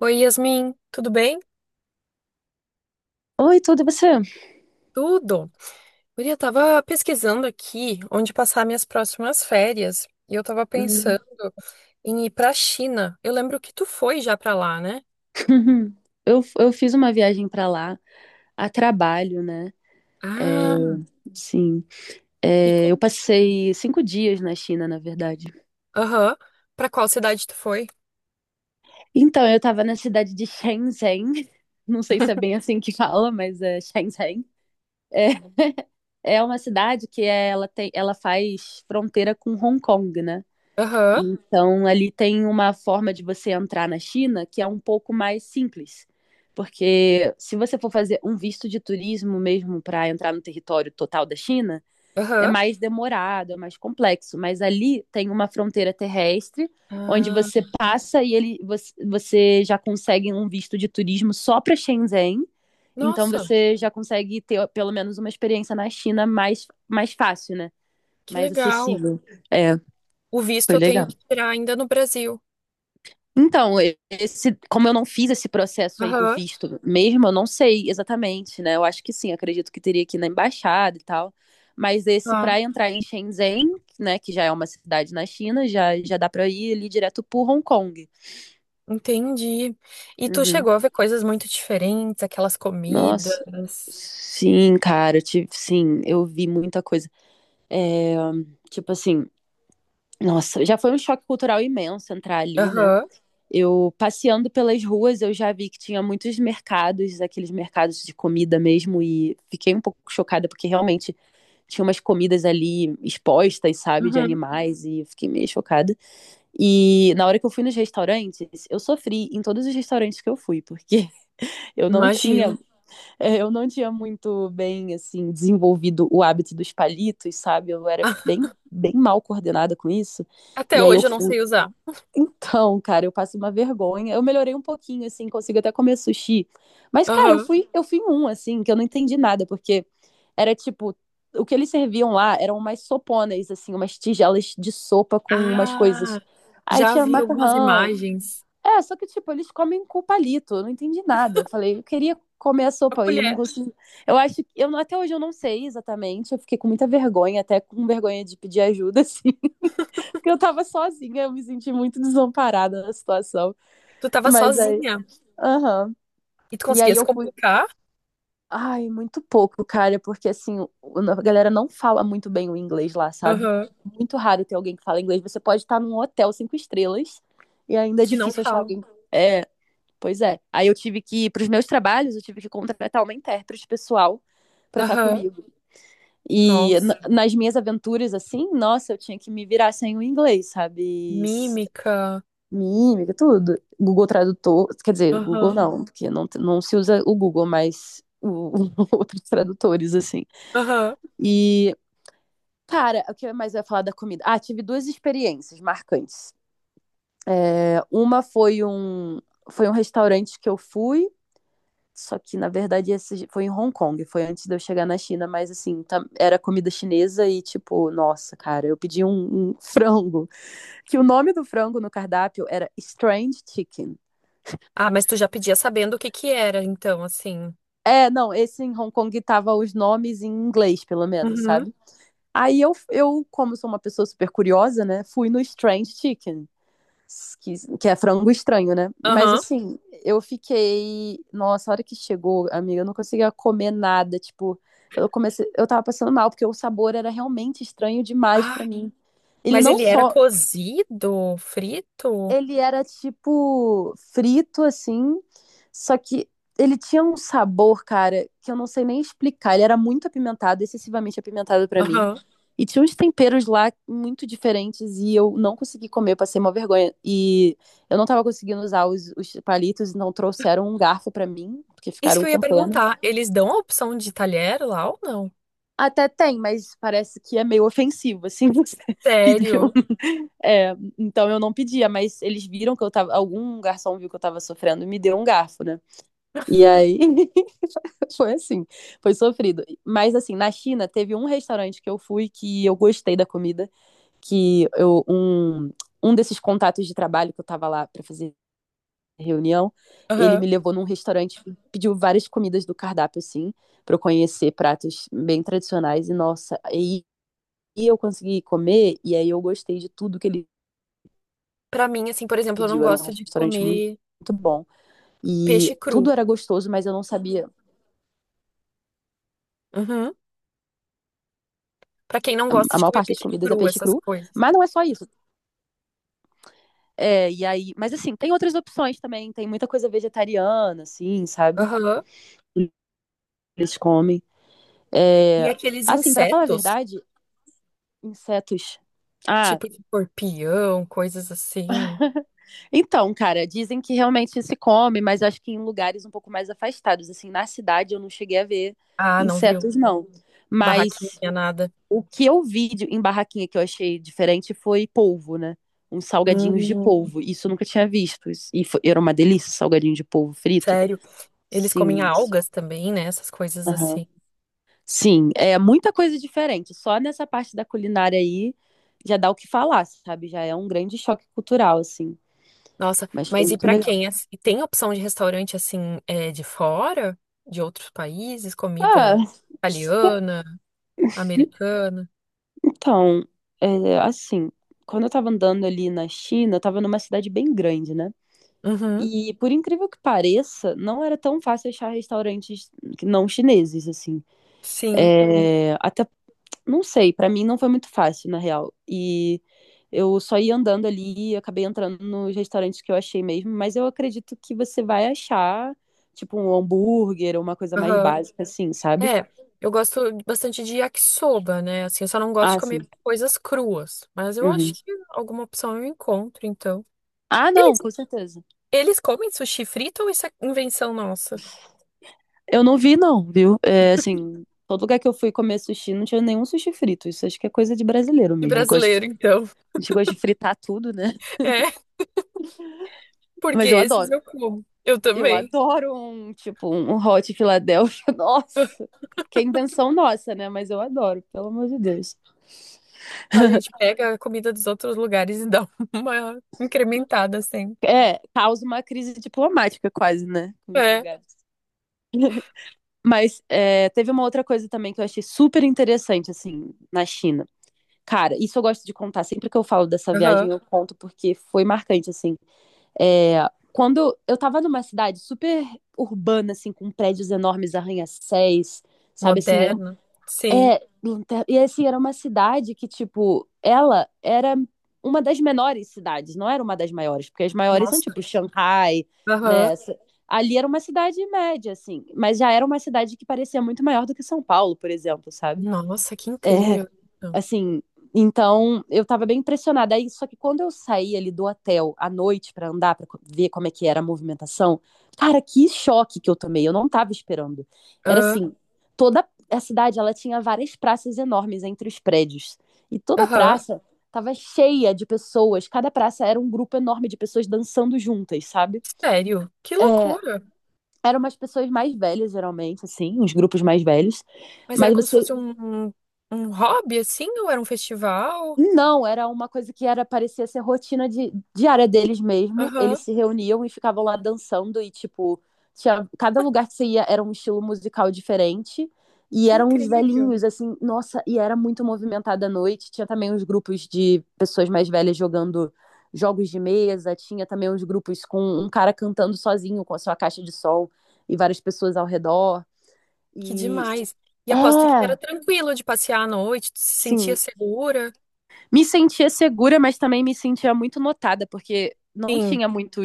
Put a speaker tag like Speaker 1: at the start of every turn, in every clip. Speaker 1: Oi, Yasmin, tudo bem?
Speaker 2: Oi, tudo e você?
Speaker 1: Tudo. Guria, eu tava pesquisando aqui onde passar minhas próximas férias e eu tava
Speaker 2: Hum.
Speaker 1: pensando em ir pra China. Eu lembro que tu foi já pra lá, né?
Speaker 2: Eu fiz uma viagem pra lá a trabalho, né? É,
Speaker 1: Ah,
Speaker 2: sim.
Speaker 1: e
Speaker 2: É, eu
Speaker 1: como?
Speaker 2: passei 5 dias na China, na verdade.
Speaker 1: Aham. Pra qual cidade tu foi?
Speaker 2: Então, eu tava na cidade de Shenzhen. Não sei se é bem assim que fala, mas é Shenzhen. É, é uma cidade que é, ela tem, ela faz fronteira com Hong Kong, né?
Speaker 1: Aham,
Speaker 2: Então, ali tem uma forma de você entrar na China que é um pouco mais simples. Porque se você for fazer um visto de turismo mesmo para entrar no território total da China, é
Speaker 1: aham.
Speaker 2: mais demorado, é mais complexo. Mas ali tem uma fronteira terrestre onde
Speaker 1: Ah,
Speaker 2: você passa e ele, você, você já consegue um visto de turismo só para Shenzhen. Então
Speaker 1: nossa,
Speaker 2: você já consegue ter pelo menos uma experiência na China mais, mais fácil, né?
Speaker 1: que
Speaker 2: Mais
Speaker 1: legal.
Speaker 2: acessível. É,
Speaker 1: O visto
Speaker 2: foi
Speaker 1: eu tenho
Speaker 2: legal.
Speaker 1: que tirar ainda no Brasil.
Speaker 2: Então, esse, como eu não fiz esse processo aí do
Speaker 1: Aham,
Speaker 2: visto mesmo, eu não sei exatamente, né? Eu acho que sim, acredito que teria que ir na embaixada e tal. Mas esse
Speaker 1: tá.
Speaker 2: para entrar em Shenzhen, né, que já é uma cidade na China, já, já dá para ir ali direto pro Hong Kong.
Speaker 1: Entendi. E tu
Speaker 2: Uhum.
Speaker 1: chegou a ver coisas muito diferentes, aquelas
Speaker 2: Nossa,
Speaker 1: comidas.
Speaker 2: sim, cara, eu tive, sim, eu vi muita coisa. É, tipo assim, nossa, já foi um choque cultural imenso entrar ali, né?
Speaker 1: Aham.
Speaker 2: Eu passeando pelas ruas, eu já vi que tinha muitos mercados, aqueles mercados de comida mesmo, e fiquei um pouco chocada porque realmente tinha umas comidas ali expostas, sabe, de
Speaker 1: Uhum.
Speaker 2: animais, e eu fiquei meio chocada. E na hora que eu fui nos restaurantes, eu sofri em todos os restaurantes que eu fui, porque eu não
Speaker 1: Imagino.
Speaker 2: tinha, eu não tinha muito bem, assim, desenvolvido o hábito dos palitos, sabe? Eu era bem, bem mal coordenada com isso.
Speaker 1: Até
Speaker 2: E aí eu
Speaker 1: hoje eu não
Speaker 2: fui,
Speaker 1: sei usar.
Speaker 2: então, cara, eu passo uma vergonha. Eu melhorei um pouquinho, assim, consigo até comer sushi. Mas, cara,
Speaker 1: Aham.
Speaker 2: eu fui em um, assim, que eu não entendi nada, porque era tipo, o que eles serviam lá eram umas soponas, assim, umas tigelas de sopa com umas
Speaker 1: Ah,
Speaker 2: coisas. Aí
Speaker 1: já
Speaker 2: tinha
Speaker 1: vi algumas
Speaker 2: macarrão.
Speaker 1: imagens.
Speaker 2: É, só que, tipo, eles comem com palito. Eu não entendi nada. Eu falei, eu queria comer a
Speaker 1: A
Speaker 2: sopa e não
Speaker 1: colher.
Speaker 2: consegui. Eu acho que, eu, até hoje eu não sei exatamente. Eu fiquei com muita vergonha, até com vergonha de pedir ajuda, assim. Porque eu tava sozinha, eu me senti muito desamparada na situação.
Speaker 1: Tu tava
Speaker 2: Mas aí,
Speaker 1: sozinha
Speaker 2: aham.
Speaker 1: e tu
Speaker 2: E
Speaker 1: conseguia
Speaker 2: aí
Speaker 1: se
Speaker 2: eu fui.
Speaker 1: comunicar?
Speaker 2: Ai, muito pouco, cara, porque assim, a galera não fala muito bem o inglês lá, sabe?
Speaker 1: Aham.
Speaker 2: Muito raro ter alguém que fala inglês. Você pode estar num hotel 5 estrelas e ainda é
Speaker 1: Que não
Speaker 2: difícil achar
Speaker 1: fala.
Speaker 2: alguém. É, pois é. Aí eu tive que, pros meus trabalhos, eu tive que contratar uma intérprete pessoal pra estar
Speaker 1: Aham.
Speaker 2: comigo. E
Speaker 1: Nossa.
Speaker 2: nas minhas aventuras, assim, nossa, eu tinha que me virar sem o inglês, sabe?
Speaker 1: Mímica.
Speaker 2: Mímica, tudo. Google Tradutor, quer dizer, Google
Speaker 1: Aham.
Speaker 2: não, porque não, não se usa o Google, mas outros tradutores, assim.
Speaker 1: Aham.
Speaker 2: E, cara, o que mais eu ia falar da comida? Ah, tive duas experiências marcantes. É, uma foi um restaurante que eu fui, só que, na verdade, esse foi em Hong Kong, foi antes de eu chegar na China, mas, assim, era comida chinesa e, tipo, nossa, cara, eu pedi um frango, que o nome do frango no cardápio era Strange Chicken.
Speaker 1: Ah, mas tu já pedia sabendo o que que era, então, assim.
Speaker 2: É, não, esse em Hong Kong tava os nomes em inglês, pelo menos,
Speaker 1: Uhum.
Speaker 2: sabe? Aí eu como sou uma pessoa super curiosa, né, fui no Strange Chicken, que é frango estranho, né? Mas
Speaker 1: Aham.
Speaker 2: assim, eu fiquei. Nossa, a hora que chegou, amiga, eu não conseguia comer nada. Tipo, eu comecei. Eu tava passando mal, porque o sabor era realmente estranho demais
Speaker 1: Ah,
Speaker 2: pra mim. Ele
Speaker 1: mas
Speaker 2: não
Speaker 1: ele era
Speaker 2: só
Speaker 1: cozido, frito?
Speaker 2: ele era tipo frito assim, só que ele tinha um sabor, cara, que eu não sei nem explicar. Ele era muito apimentado, excessivamente apimentado pra mim.
Speaker 1: Aham.
Speaker 2: E tinha uns temperos lá muito diferentes e eu não consegui comer, eu passei uma vergonha. E eu não tava conseguindo usar os palitos, então trouxeram um garfo pra mim, porque
Speaker 1: Isso
Speaker 2: ficaram
Speaker 1: que eu ia
Speaker 2: com pena.
Speaker 1: perguntar. Eles dão a opção de talher lá ou não?
Speaker 2: Até tem, mas parece que é meio ofensivo, assim, você pedir um.
Speaker 1: Sério?
Speaker 2: É, então eu não pedia, mas eles viram que eu tava. Algum garçom viu que eu tava sofrendo e me deu um garfo, né? E aí foi assim, foi sofrido. Mas assim, na China teve um restaurante que eu fui que eu gostei da comida, que eu, um desses contatos de trabalho que eu tava lá para fazer reunião, ele me levou num restaurante, pediu várias comidas do cardápio, assim, para eu conhecer pratos bem tradicionais. E nossa, aí eu consegui comer, e aí eu gostei de tudo que ele
Speaker 1: Pra mim, assim, por exemplo, eu não
Speaker 2: pediu. Era um
Speaker 1: gosto de
Speaker 2: restaurante muito,
Speaker 1: comer
Speaker 2: muito bom.
Speaker 1: peixe
Speaker 2: E tudo
Speaker 1: cru.
Speaker 2: era gostoso, mas eu não sabia.
Speaker 1: Uhum. Pra quem não gosta
Speaker 2: A
Speaker 1: de
Speaker 2: maior
Speaker 1: comer
Speaker 2: parte das
Speaker 1: peixe
Speaker 2: comidas é
Speaker 1: cru,
Speaker 2: peixe
Speaker 1: essas
Speaker 2: cru,
Speaker 1: coisas.
Speaker 2: mas não é só isso. É, e aí, mas assim, tem outras opções também, tem muita coisa vegetariana, assim, sabe?
Speaker 1: Aham.
Speaker 2: Eles comem.
Speaker 1: E
Speaker 2: É,
Speaker 1: aqueles
Speaker 2: assim, para falar a
Speaker 1: insetos,
Speaker 2: verdade, insetos. Ah,
Speaker 1: tipo de escorpião, coisas assim.
Speaker 2: então, cara, dizem que realmente se come, mas eu acho que em lugares um pouco mais afastados, assim, na cidade eu não cheguei a ver
Speaker 1: Ah, não viu?
Speaker 2: insetos, não. Mas
Speaker 1: Barraquinha, nada.
Speaker 2: o que eu vi em barraquinha que eu achei diferente foi polvo, né? Uns salgadinhos de
Speaker 1: Hum,
Speaker 2: polvo. Isso eu nunca tinha visto. E era uma delícia, salgadinho de polvo frito.
Speaker 1: sério. Eles
Speaker 2: Sim,
Speaker 1: comem
Speaker 2: nossa.
Speaker 1: algas também, né? Essas coisas
Speaker 2: Aham.
Speaker 1: assim.
Speaker 2: Sim, é muita coisa diferente. Só nessa parte da culinária aí já dá o que falar, sabe? Já é um grande choque cultural, assim.
Speaker 1: Nossa,
Speaker 2: Mas foi
Speaker 1: mas e
Speaker 2: muito
Speaker 1: pra
Speaker 2: legal.
Speaker 1: quem? E tem opção de restaurante assim, é, de fora? De outros países? Comida
Speaker 2: Ah,
Speaker 1: italiana, americana?
Speaker 2: então, é, assim, quando eu tava andando ali na China, eu tava numa cidade bem grande, né?
Speaker 1: Uhum.
Speaker 2: E por incrível que pareça, não era tão fácil achar restaurantes não chineses, assim.
Speaker 1: Sim.
Speaker 2: É, até, não sei, pra mim não foi muito fácil, na real. E eu só ia andando ali e acabei entrando nos restaurantes que eu achei mesmo, mas eu acredito que você vai achar, tipo, um hambúrguer ou uma coisa mais
Speaker 1: Aham.
Speaker 2: básica, assim, sabe?
Speaker 1: É, eu gosto bastante de yakisoba, né? Assim, eu só não gosto de
Speaker 2: Ah, sim.
Speaker 1: comer coisas cruas, mas eu
Speaker 2: Uhum.
Speaker 1: acho que alguma opção eu encontro, então.
Speaker 2: Ah, não,
Speaker 1: Eles,
Speaker 2: com certeza.
Speaker 1: eles comem sushi frito ou isso é invenção nossa?
Speaker 2: Eu não vi, não, viu? É, assim, todo lugar que eu fui comer sushi não tinha nenhum sushi frito. Isso acho que é coisa de brasileiro
Speaker 1: De
Speaker 2: mesmo.
Speaker 1: brasileiro, então.
Speaker 2: A gente gosta de fritar tudo, né?
Speaker 1: É, porque
Speaker 2: Mas eu
Speaker 1: esses
Speaker 2: adoro.
Speaker 1: eu como. Eu
Speaker 2: Eu
Speaker 1: também.
Speaker 2: adoro um, tipo, um hot Philadelphia. Nossa, que é invenção nossa, né? Mas eu adoro, pelo amor de Deus.
Speaker 1: A gente pega a comida dos outros lugares e dá uma incrementada sempre.
Speaker 2: É, causa uma crise diplomática quase, né? Com os
Speaker 1: É.
Speaker 2: lugares. Mas é, teve uma outra coisa também que eu achei super interessante, assim, na China. Cara, isso eu gosto de contar. Sempre que eu falo dessa viagem,
Speaker 1: Aham.
Speaker 2: eu conto porque foi marcante, assim. É, quando eu tava numa cidade super urbana, assim, com prédios enormes, arranha-céus, sabe, assim, era, um,
Speaker 1: Moderno. Sim.
Speaker 2: é, e assim, era uma cidade que, tipo, ela era uma das menores cidades, não era uma das maiores, porque as maiores são,
Speaker 1: Nossa.
Speaker 2: tipo, Xangai,
Speaker 1: Aham.
Speaker 2: né, ali era uma cidade média, assim, mas já era uma cidade que parecia muito maior do que São Paulo, por exemplo, sabe?
Speaker 1: Nossa, que
Speaker 2: É,
Speaker 1: incrível.
Speaker 2: assim, então eu tava bem impressionada. Aí, só que quando eu saí ali do hotel à noite pra andar, pra ver como é que era a movimentação, cara, que choque que eu tomei. Eu não tava esperando. Era
Speaker 1: Ah,
Speaker 2: assim, toda a cidade, ela tinha várias praças enormes entre os prédios. E toda a
Speaker 1: aham.
Speaker 2: praça tava cheia de pessoas. Cada praça era um grupo enorme de pessoas dançando juntas, sabe?
Speaker 1: Sério. Que
Speaker 2: É,
Speaker 1: loucura.
Speaker 2: eram umas pessoas mais velhas, geralmente, assim, uns grupos mais velhos.
Speaker 1: Mas era
Speaker 2: Mas
Speaker 1: como se
Speaker 2: você.
Speaker 1: fosse um, um um hobby, assim, ou era um festival?
Speaker 2: Não, era uma coisa que era parecia ser rotina diária deles mesmo. Eles
Speaker 1: Aham.
Speaker 2: se reuniam e ficavam lá dançando e tipo, tinha, cada lugar que você ia era um estilo musical diferente e
Speaker 1: Que
Speaker 2: eram uns
Speaker 1: incrível.
Speaker 2: velhinhos assim, nossa, e era muito movimentada a noite. Tinha também uns grupos de pessoas mais velhas jogando jogos de mesa, tinha também uns grupos com um cara cantando sozinho com a sua caixa de som e várias pessoas ao redor.
Speaker 1: Que
Speaker 2: E
Speaker 1: demais. E aposto que
Speaker 2: é,
Speaker 1: era tranquilo de passear à noite, tu se sentia
Speaker 2: sim,
Speaker 1: segura.
Speaker 2: me sentia segura, mas também me sentia muito notada, porque não
Speaker 1: Sim,
Speaker 2: tinha muitas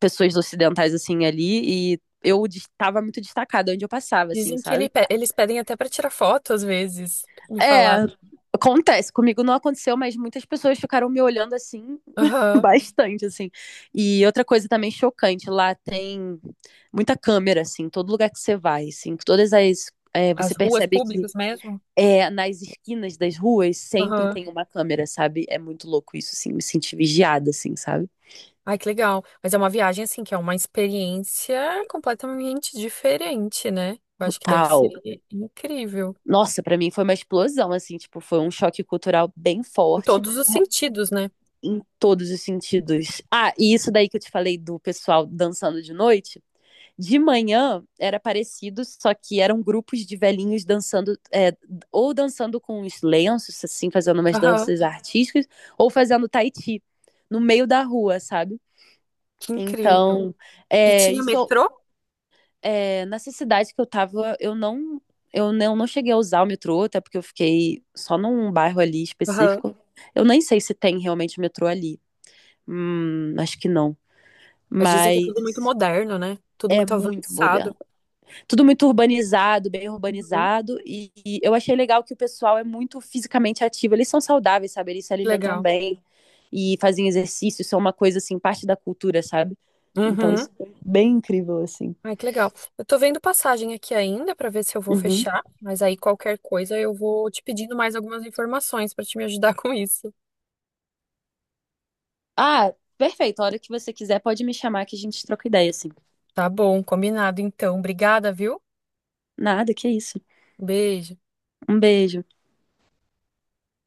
Speaker 2: pessoas ocidentais assim ali e eu estava muito destacada onde eu passava, assim,
Speaker 1: dizem que
Speaker 2: sabe?
Speaker 1: eles pedem até para tirar foto às vezes, me
Speaker 2: É,
Speaker 1: falaram.
Speaker 2: acontece. Comigo não aconteceu, mas muitas pessoas ficaram me olhando assim,
Speaker 1: Aham.
Speaker 2: bastante, assim. E outra coisa também chocante, lá tem muita câmera, assim, todo lugar que você vai, assim, todas as. É, você
Speaker 1: As ruas
Speaker 2: percebe que
Speaker 1: públicas mesmo?
Speaker 2: é, nas esquinas das ruas sempre
Speaker 1: Aham.
Speaker 2: tem uma câmera, sabe? É muito louco isso, assim, me senti vigiada, assim, sabe?
Speaker 1: Ai, que legal. Mas é uma viagem, assim, que é uma experiência completamente diferente, né? Eu acho que deve ser
Speaker 2: Total.
Speaker 1: incrível.
Speaker 2: Nossa, pra mim foi uma explosão, assim, tipo, foi um choque cultural bem
Speaker 1: Em
Speaker 2: forte
Speaker 1: todos os sentidos, né?
Speaker 2: em todos os sentidos. Ah, e isso daí que eu te falei do pessoal dançando de noite, de manhã era parecido, só que eram grupos de velhinhos dançando, é, ou dançando com os lenços, assim, fazendo umas
Speaker 1: Aham.
Speaker 2: danças artísticas, ou fazendo tai chi no meio da rua, sabe?
Speaker 1: Que incrível.
Speaker 2: Então,
Speaker 1: E
Speaker 2: é,
Speaker 1: tinha
Speaker 2: isso
Speaker 1: metrô?
Speaker 2: é, nessa cidade que eu tava, eu não, não cheguei a usar o metrô, até porque eu fiquei só num bairro ali
Speaker 1: Aham.
Speaker 2: específico. Eu nem sei se tem realmente metrô ali. Acho que não.
Speaker 1: Mas dizem que
Speaker 2: Mas
Speaker 1: é tudo muito moderno, né? Tudo
Speaker 2: é
Speaker 1: muito
Speaker 2: muito moderno.
Speaker 1: avançado.
Speaker 2: Tudo muito urbanizado, bem
Speaker 1: Uhum.
Speaker 2: urbanizado. E eu achei legal que o pessoal é muito fisicamente ativo. Eles são saudáveis, sabe? Eles se
Speaker 1: Que
Speaker 2: alimentam
Speaker 1: legal.
Speaker 2: bem e fazem exercício. Isso é uma coisa, assim, parte da cultura, sabe? Então,
Speaker 1: Uhum.
Speaker 2: isso é bem incrível, assim.
Speaker 1: Ai, que legal. Eu tô vendo passagem aqui ainda pra ver se eu vou
Speaker 2: Uhum.
Speaker 1: fechar, mas aí qualquer coisa eu vou te pedindo mais algumas informações pra te me ajudar com isso.
Speaker 2: Ah, perfeito. A hora que você quiser, pode me chamar que a gente troca ideia, assim.
Speaker 1: Tá bom, combinado então. Obrigada, viu?
Speaker 2: Nada, que isso.
Speaker 1: Beijo.
Speaker 2: Um beijo.